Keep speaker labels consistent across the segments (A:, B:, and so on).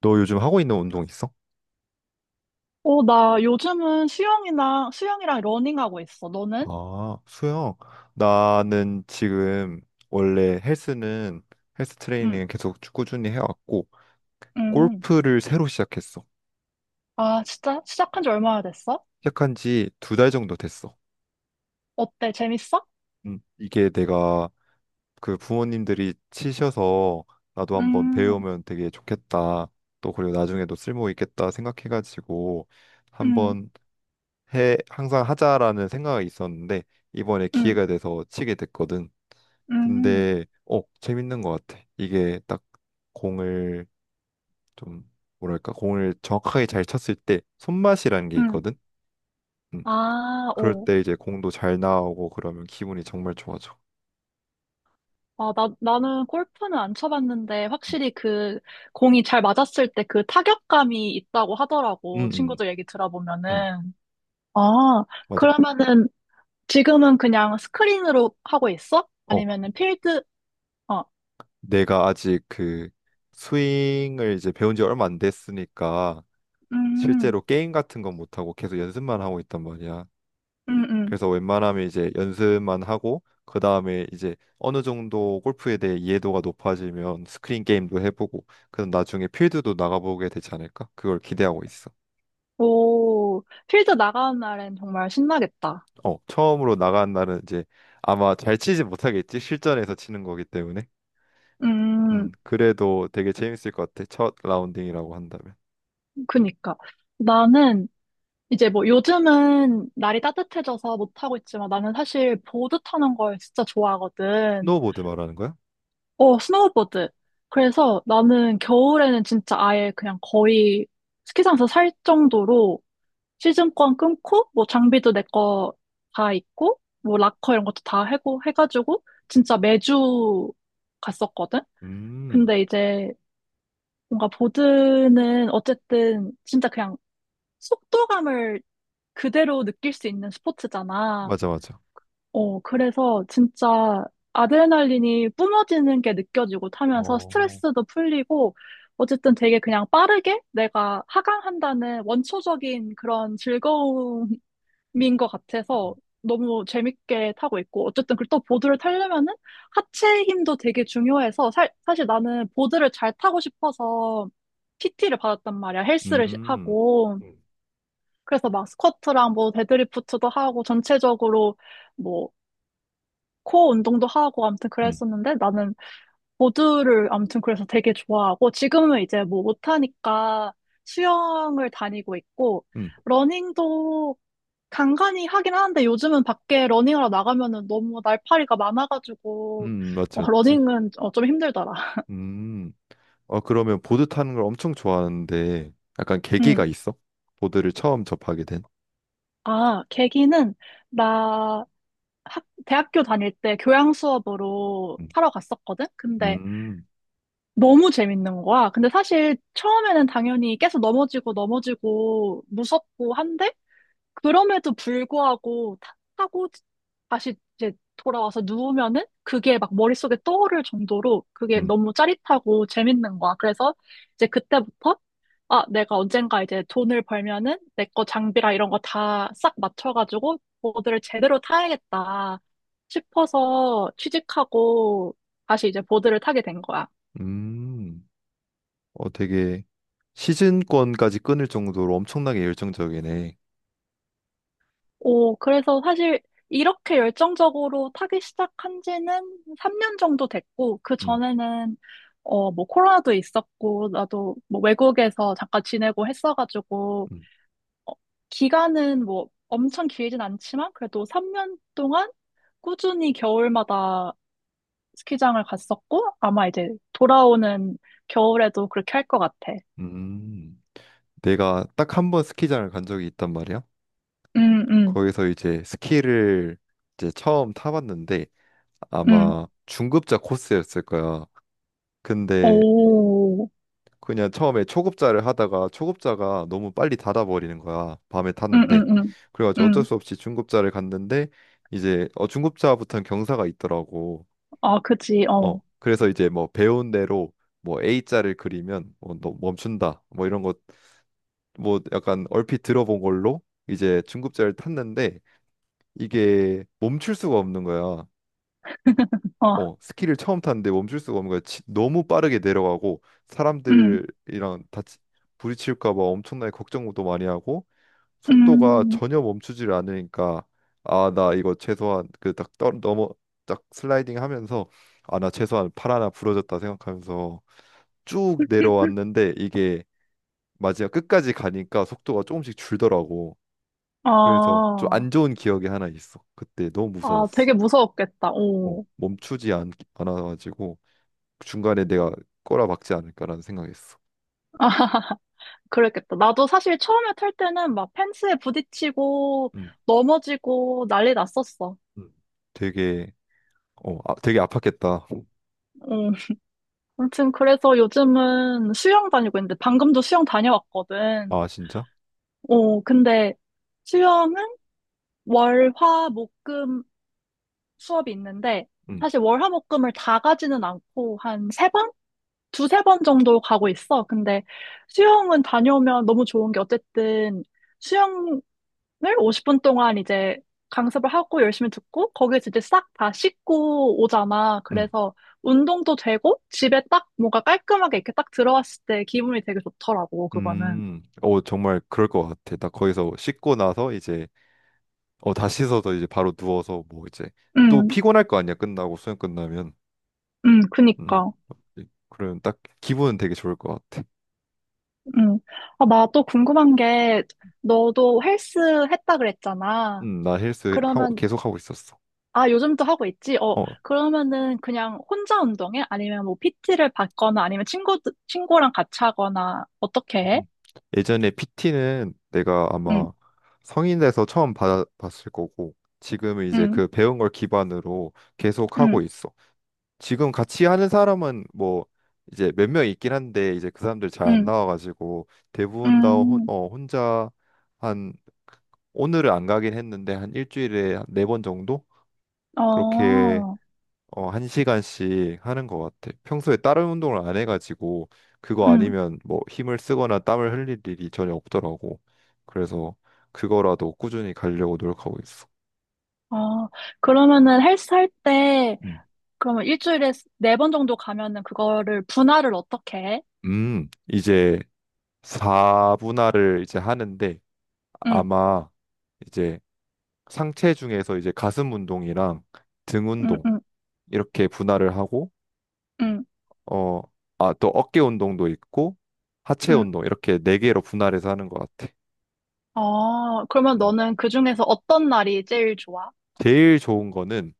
A: 너 요즘 하고 있는 운동 있어?
B: 어, 나 요즘은 수영이랑 러닝하고 있어. 너는?
A: 아, 수영. 나는 지금 원래 헬스는 헬스
B: 응,
A: 트레이닝 계속 쭉 꾸준히 해왔고
B: 응.
A: 골프를 새로 시작했어.
B: 아, 진짜? 시작한 지 얼마나 됐어?
A: 시작한 지 2달 정도 됐어.
B: 어때? 재밌어?
A: 이게 내가 그 부모님들이 치셔서 나도 한번
B: 음,
A: 배우면 되게 좋겠다. 또 그리고 나중에도 쓸모 있겠다 생각해가지고
B: 음,
A: 한번 해 항상 하자라는 생각이 있었는데 이번에
B: 음,
A: 기회가 돼서 치게 됐거든.
B: 음,
A: 근데 재밌는 것 같아. 이게 딱 공을 좀 뭐랄까 공을 정확하게 잘 쳤을 때 손맛이라는 게
B: 음.
A: 있거든. 음, 그-
B: 아,
A: 그럴
B: 오.
A: 때 이제 공도 잘 나오고 그러면 기분이 정말 좋아져.
B: 아, 나는 골프는 안 쳐봤는데,
A: 음,
B: 확실히 그, 공이 잘 맞았을 때 그 타격감이 있다고
A: 음,
B: 하더라고.
A: 음,
B: 친구들 얘기
A: 음,
B: 들어보면은. 아,
A: 맞아.
B: 그러면은 지금은 그냥 스크린으로 하고 있어?
A: 어
B: 아니면은 필드? 어.
A: 내가 아직 그 스윙을 이제 배운 지 얼마 안 됐으니까
B: 음.
A: 실제로 게임 같은 건 못하고 계속 연습만 하고 있단 말이야.
B: 음. 응.
A: 그래서 웬만하면 이제 연습만 하고 그 다음에 이제 어느 정도 골프에 대해 이해도가 높아지면 스크린 게임도 해보고 그럼 나중에 필드도 나가보게 되지 않을까? 그걸 기대하고 있어.
B: 오, 필드 나가는 날엔 정말 신나겠다.
A: 어, 처음으로 나간 날은 이제 아마 잘 치지 못하겠지? 실전에서 치는 거기 때문에.
B: 음,
A: 그래도 되게 재밌을 것 같아. 첫 라운딩이라고 한다면.
B: 그니까. 나는 이제 뭐 요즘은 날이 따뜻해져서 못하고 있지만 나는 사실 보드 타는 걸 진짜 좋아하거든.
A: 스노우보드 말하는 거야?
B: 어, 스노우보드. 그래서 나는 겨울에는 진짜 아예 그냥 거의 스키장에서 살 정도로 시즌권 끊고 뭐 장비도 내 거 다 있고 뭐 락커 이런 것도 다 해고 해가지고 진짜 매주 갔었거든.
A: 음,
B: 근데 이제 뭔가 보드는 어쨌든 진짜 그냥 속도감을 그대로 느낄 수 있는 스포츠잖아.
A: 맞아, 맞아.
B: 어, 그래서 진짜 아드레날린이 뿜어지는 게 느껴지고 타면서
A: 어,
B: 스트레스도 풀리고, 어쨌든 되게 그냥 빠르게 내가 하강한다는 원초적인 그런 즐거움을 민것 같아서 너무 재밌게 타고 있고, 어쨌든 그또 보드를 타려면은 하체 힘도 되게 중요해서 사실 나는 보드를 잘 타고 싶어서 PT를 받았단 말이야. 헬스를
A: 음,
B: 하고 그래서 막 스쿼트랑 뭐 데드리프트도 하고 전체적으로 뭐 코어 운동도 하고 아무튼
A: 음,
B: 그랬었는데, 나는 보드를 아무튼 그래서 되게 좋아하고 지금은 이제 뭐 못하니까 수영을 다니고 있고
A: 음,
B: 러닝도 간간히 하긴 하는데, 요즘은 밖에 러닝하러 나가면은 너무 날파리가 많아가지고
A: 음, 맞지, 맞지.
B: 러닝은 좀 힘들더라.
A: 음. 어, 그러면 보드 타는 걸 엄청 좋아하는데 약간
B: 응.
A: 계기가 있어? 보드를 처음 접하게 된?
B: 아, 계기는 나 대학교 다닐 때 교양 수업으로
A: 음,
B: 타러 갔었거든? 근데
A: 음,
B: 너무 재밌는 거야. 근데 사실 처음에는 당연히 계속 넘어지고 넘어지고 무섭고 한데 그럼에도 불구하고 타고 다시 이제 돌아와서 누우면은 그게 막 머릿속에 떠오를 정도로 그게
A: 음,
B: 너무 짜릿하고 재밌는 거야. 그래서 이제 그때부터 아, 내가 언젠가 이제 돈을 벌면은 내 거 장비랑 이런 거 다 싹 맞춰가지고 보드를 제대로 타야겠다 싶어서 취직하고 다시 이제 보드를 타게 된 거야.
A: 음. 어, 되게 시즌권까지 끊을 정도로 엄청나게 열정적이네.
B: 오, 그래서 사실 이렇게 열정적으로 타기 시작한 지는 3년 정도 됐고, 그
A: 음,
B: 전에는, 뭐, 코로나도 있었고, 나도 뭐, 외국에서 잠깐 지내고 했어가지고,
A: 음,
B: 어, 기간은 뭐, 엄청 길진 않지만, 그래도 3년 동안 꾸준히 겨울마다 스키장을 갔었고, 아마 이제 돌아오는 겨울에도 그렇게 할 것 같아.
A: 음. 내가 딱 1번 스키장을 간 적이 있단 말이야.
B: 응, 응,
A: 거기서 이제 스키를 이제 처음 타봤는데
B: 응.
A: 아마 중급자 코스였을 거야. 근데
B: 오,
A: 그냥 처음에 초급자를 하다가 초급자가 너무 빨리 닫아버리는 거야. 밤에
B: 응,
A: 탔는데.
B: 응, 응.
A: 그래가지고 어쩔
B: 응.
A: 수 없이 중급자를 갔는데 이제 중급자부터는 경사가 있더라고.
B: 아, 그지,
A: 어
B: 어,
A: 그래서 이제 뭐 배운 대로 뭐 A자를 그리면 어, 너 멈춘다. 뭐 이런 것 뭐 약간 얼핏 들어본 걸로 이제 중급자를 탔는데 이게 멈출 수가 없는 거야.
B: 어.
A: 어, 스키를 처음 탔는데 멈출 수가 없는 거야. 너무 빠르게 내려가고
B: 응.
A: 사람들이랑 다치 부딪힐까 봐 엄청나게 걱정도 많이 하고 속도가
B: 음,
A: 전혀 멈추지를 않으니까 아, 나 이거 최소한 그 딱 넘어 딱 슬라이딩 하면서 아, 나 최소한 팔 하나 부러졌다 생각하면서 쭉 내려왔는데 이게 마지막 끝까지 가니까 속도가 조금씩 줄더라고. 그래서
B: 아,
A: 좀 안 좋은 기억이 하나 있어. 그때 너무
B: 아,
A: 무서웠어.
B: 되게 무서웠겠다.
A: 어,
B: 오.
A: 멈추지 않아가지고 중간에 내가 꼬라박지 않을까라는 생각했어.
B: 아, 그랬겠다. 나도 사실 처음에 탈 때는 막 펜스에 부딪히고
A: 음,
B: 넘어지고 난리 났었어.
A: 음, 되게 되게 아팠겠다.
B: 응. 아무튼 그래서 요즘은 수영 다니고 있는데 방금도 수영 다녀왔거든.
A: 아, 진짜?
B: 근데 수영은 월, 화, 목, 금 수업이 있는데
A: 음,
B: 사실 월, 화, 목, 금을 다 가지는 않고 한세번 두세 번 정도 가고 있어. 근데 수영은 다녀오면 너무 좋은 게 어쨌든 수영을 50분 동안 이제 강습을 하고 열심히 듣고 거기에서 이제 싹 다 씻고 오잖아.
A: 음.
B: 그래서 운동도 되고 집에 딱 뭔가 깔끔하게 이렇게 딱 들어왔을 때 기분이 되게 좋더라고, 그거는.
A: 어, 정말 그럴 것 같아. 나 거기서 씻고 나서 이제, 다 씻어서 이제 바로 누워서 뭐 이제 또
B: 응,
A: 피곤할 거 아니야. 끝나고 수영 끝나면.
B: 응,
A: 음,
B: 그니까.
A: 그러면 딱 기분은 되게 좋을 것 같아.
B: 응. 아, 나 또 궁금한 게 너도 헬스 했다 그랬잖아.
A: 나 헬스 하고
B: 그러면
A: 계속 하고 있었어.
B: 요즘도 하고 있지?
A: 어,
B: 그러면은 그냥 혼자 운동해? 아니면 뭐 PT를 받거나 아니면 친구랑 같이 하거나 어떻게 해?
A: 음. 예전에 PT는 내가
B: 응,
A: 아마 성인 돼서 처음 받았을 거고 지금은 이제
B: 응,
A: 그 배운 걸 기반으로 계속 하고
B: 응,
A: 있어. 지금 같이 하는 사람은 뭐 이제 몇 명 있긴 한데 이제 그 사람들 잘 안
B: 응,
A: 나와가지고 대부분 다
B: 응,
A: 혼자 한 오늘은 안 가긴 했는데 한 일주일에 4번 정도 그렇게
B: 어,
A: 어, 1시간씩 하는 것 같아. 평소에 다른 운동을 안 해가지고 그거
B: 응,
A: 아니면 뭐 힘을 쓰거나 땀을 흘릴 일이 전혀 없더라고. 그래서 그거라도 꾸준히 가려고 노력하고 있어.
B: 어. 그러면은 헬스 할 때,
A: 음,
B: 그러면 일주일에 4번 정도 가면은 그거를 분할을 어떻게 해?
A: 이제 4분할을 이제 하는데
B: 응,
A: 아마 이제 상체 중에서 이제 가슴 운동이랑 등
B: 응,
A: 운동
B: 응,
A: 이렇게 분할을 하고
B: 응,
A: 어, 아, 또 어깨 운동도 있고 하체
B: 응.
A: 운동 이렇게 네 개로 분할해서 하는 것 같아.
B: 그러면
A: 음.
B: 너는 그중에서 어떤 날이 제일 좋아?
A: 제일 좋은 거는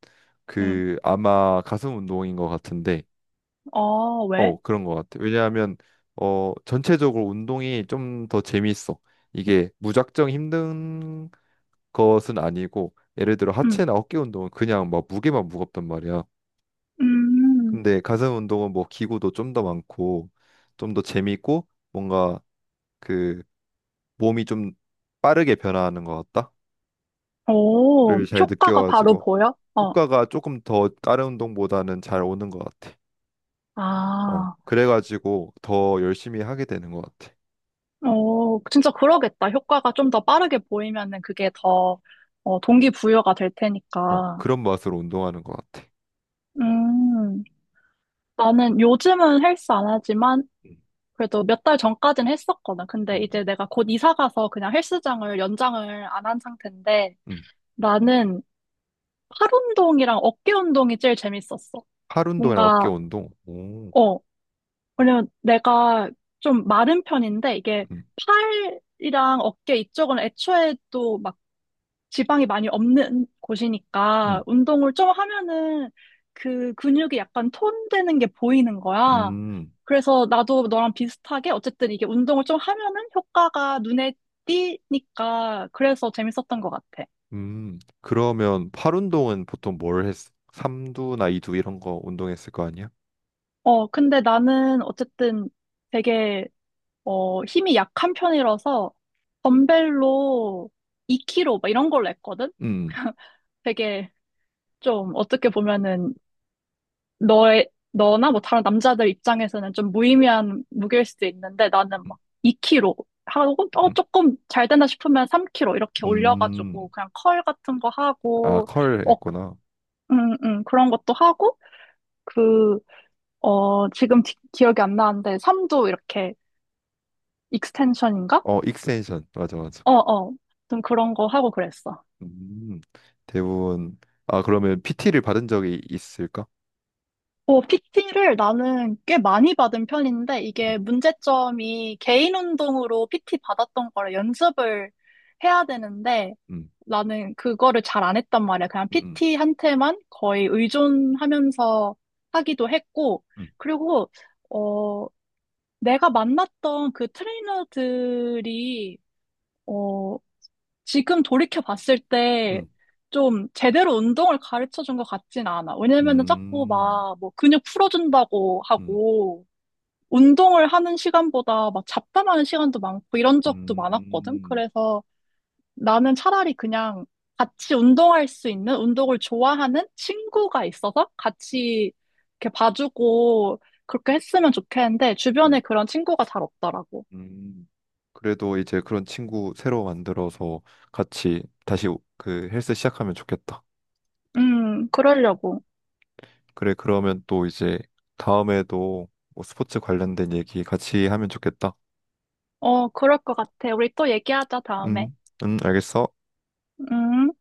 B: 응,
A: 그 아마 가슴 운동인 것 같은데
B: 어, 왜?
A: 어 그런 것 같아 왜냐하면 어 전체적으로 운동이 좀 더 재밌어 이게 무작정 힘든 것은 아니고 예를 들어
B: 응,
A: 하체나 어깨 운동은 그냥 막 무게만 무겁단 말이야
B: 음.
A: 근데 가슴 운동은 뭐 기구도 좀 더 많고 좀 더 재밌고 뭔가 그 몸이 좀 빠르게 변화하는 것
B: 오,
A: 같다를 잘
B: 효과가 바로
A: 느껴가지고
B: 보여? 어,
A: 효과가 조금 더 다른 운동보다는 잘 오는 것 같아 어,
B: 아,
A: 그래가지고 더 열심히 하게 되는 것 같아.
B: 어, 진짜 그러겠다. 효과가 좀 더 빠르게 보이면은 그게 더, 동기부여가 될
A: 어,
B: 테니까.
A: 그런 맛으로 운동하는 것 같아.
B: 음, 나는 요즘은 헬스 안 하지만
A: 음.
B: 그래도 몇 달 전까진 했었거든. 근데
A: 음,
B: 이제 내가 곧 이사 가서 그냥 헬스장을 연장을 안 한 상태인데
A: 음.
B: 나는 팔 운동이랑 어깨 운동이 제일 재밌었어.
A: 팔 운동이랑 어깨
B: 뭔가,
A: 운동. 오,
B: 어, 왜냐면 내가 좀 마른 편인데 이게
A: 음,
B: 팔이랑 어깨 이쪽은 애초에 또 막 지방이 많이 없는 곳이니까
A: 음,
B: 운동을 좀 하면은 그 근육이 약간 톤되는 게 보이는 거야.
A: 음,
B: 그래서 나도 너랑 비슷하게 어쨌든 이게 운동을 좀 하면은 효과가 눈에 띄니까 그래서 재밌었던 것 같아.
A: 그러면 팔 운동은 보통 뭘 했어? 삼두나 이두 이런 거 운동했을 거 아니야?
B: 근데 나는 어쨌든 되게 힘이 약한 편이라서 덤벨로 2kg 막 이런 걸로 했거든?
A: 음,
B: 되게 좀 어떻게 보면은 너나 뭐 다른 남자들 입장에서는 좀 무의미한 무게일 수도 있는데 나는
A: 음,
B: 막 2kg 하고
A: 음.
B: 조금 잘 된다 싶으면 3kg 이렇게
A: 음.
B: 올려가지고 그냥 컬 같은 거
A: 아,
B: 하고
A: 컬
B: 어,
A: 했구나.
B: 그런 것도 하고 그, 지금 기억이 안 나는데 3도 이렇게 익스텐션인가?
A: 어, 익스텐션. 맞아, 맞아.
B: 어, 어. 좀 그런 거 하고 그랬어.
A: 음, 대부분. 아, 그러면 PT를 받은 적이 있을까?
B: PT를 나는 꽤 많이 받은 편인데,
A: 음,
B: 이게 문제점이 개인 운동으로 PT 받았던 거를 연습을 해야 되는데,
A: 음,
B: 나는 그거를 잘 안 했단 말이야. 그냥
A: 음,
B: PT한테만 거의 의존하면서 하기도 했고,
A: 음,
B: 그리고, 어, 내가 만났던 그 트레이너들이, 어, 지금 돌이켜 봤을 때
A: 음,
B: 좀 제대로 운동을 가르쳐 준 것 같진 않아. 왜냐면은 자꾸
A: 음.
B: 막 뭐 근육 풀어준다고
A: 음,
B: 하고 운동을 하는 시간보다 막 잡담하는 시간도 많고 이런 적도 많았거든.
A: 음,
B: 그래서 나는 차라리 그냥 같이 운동할 수 있는 운동을 좋아하는 친구가 있어서 같이 이렇게 봐주고 그렇게 했으면 좋겠는데
A: 음,
B: 주변에 그런 친구가 잘 없더라고.
A: 음. 그래도 이제 그런 친구 새로 만들어서 같이 다시 그 헬스 시작하면 좋겠다.
B: 그러려고.
A: 그래, 그러면 또 이제 다음에도 뭐 스포츠 관련된 얘기 같이 하면 좋겠다.
B: 어, 그럴 것 같아. 우리 또 얘기하자, 다음에.
A: 음, 알겠어.
B: 음.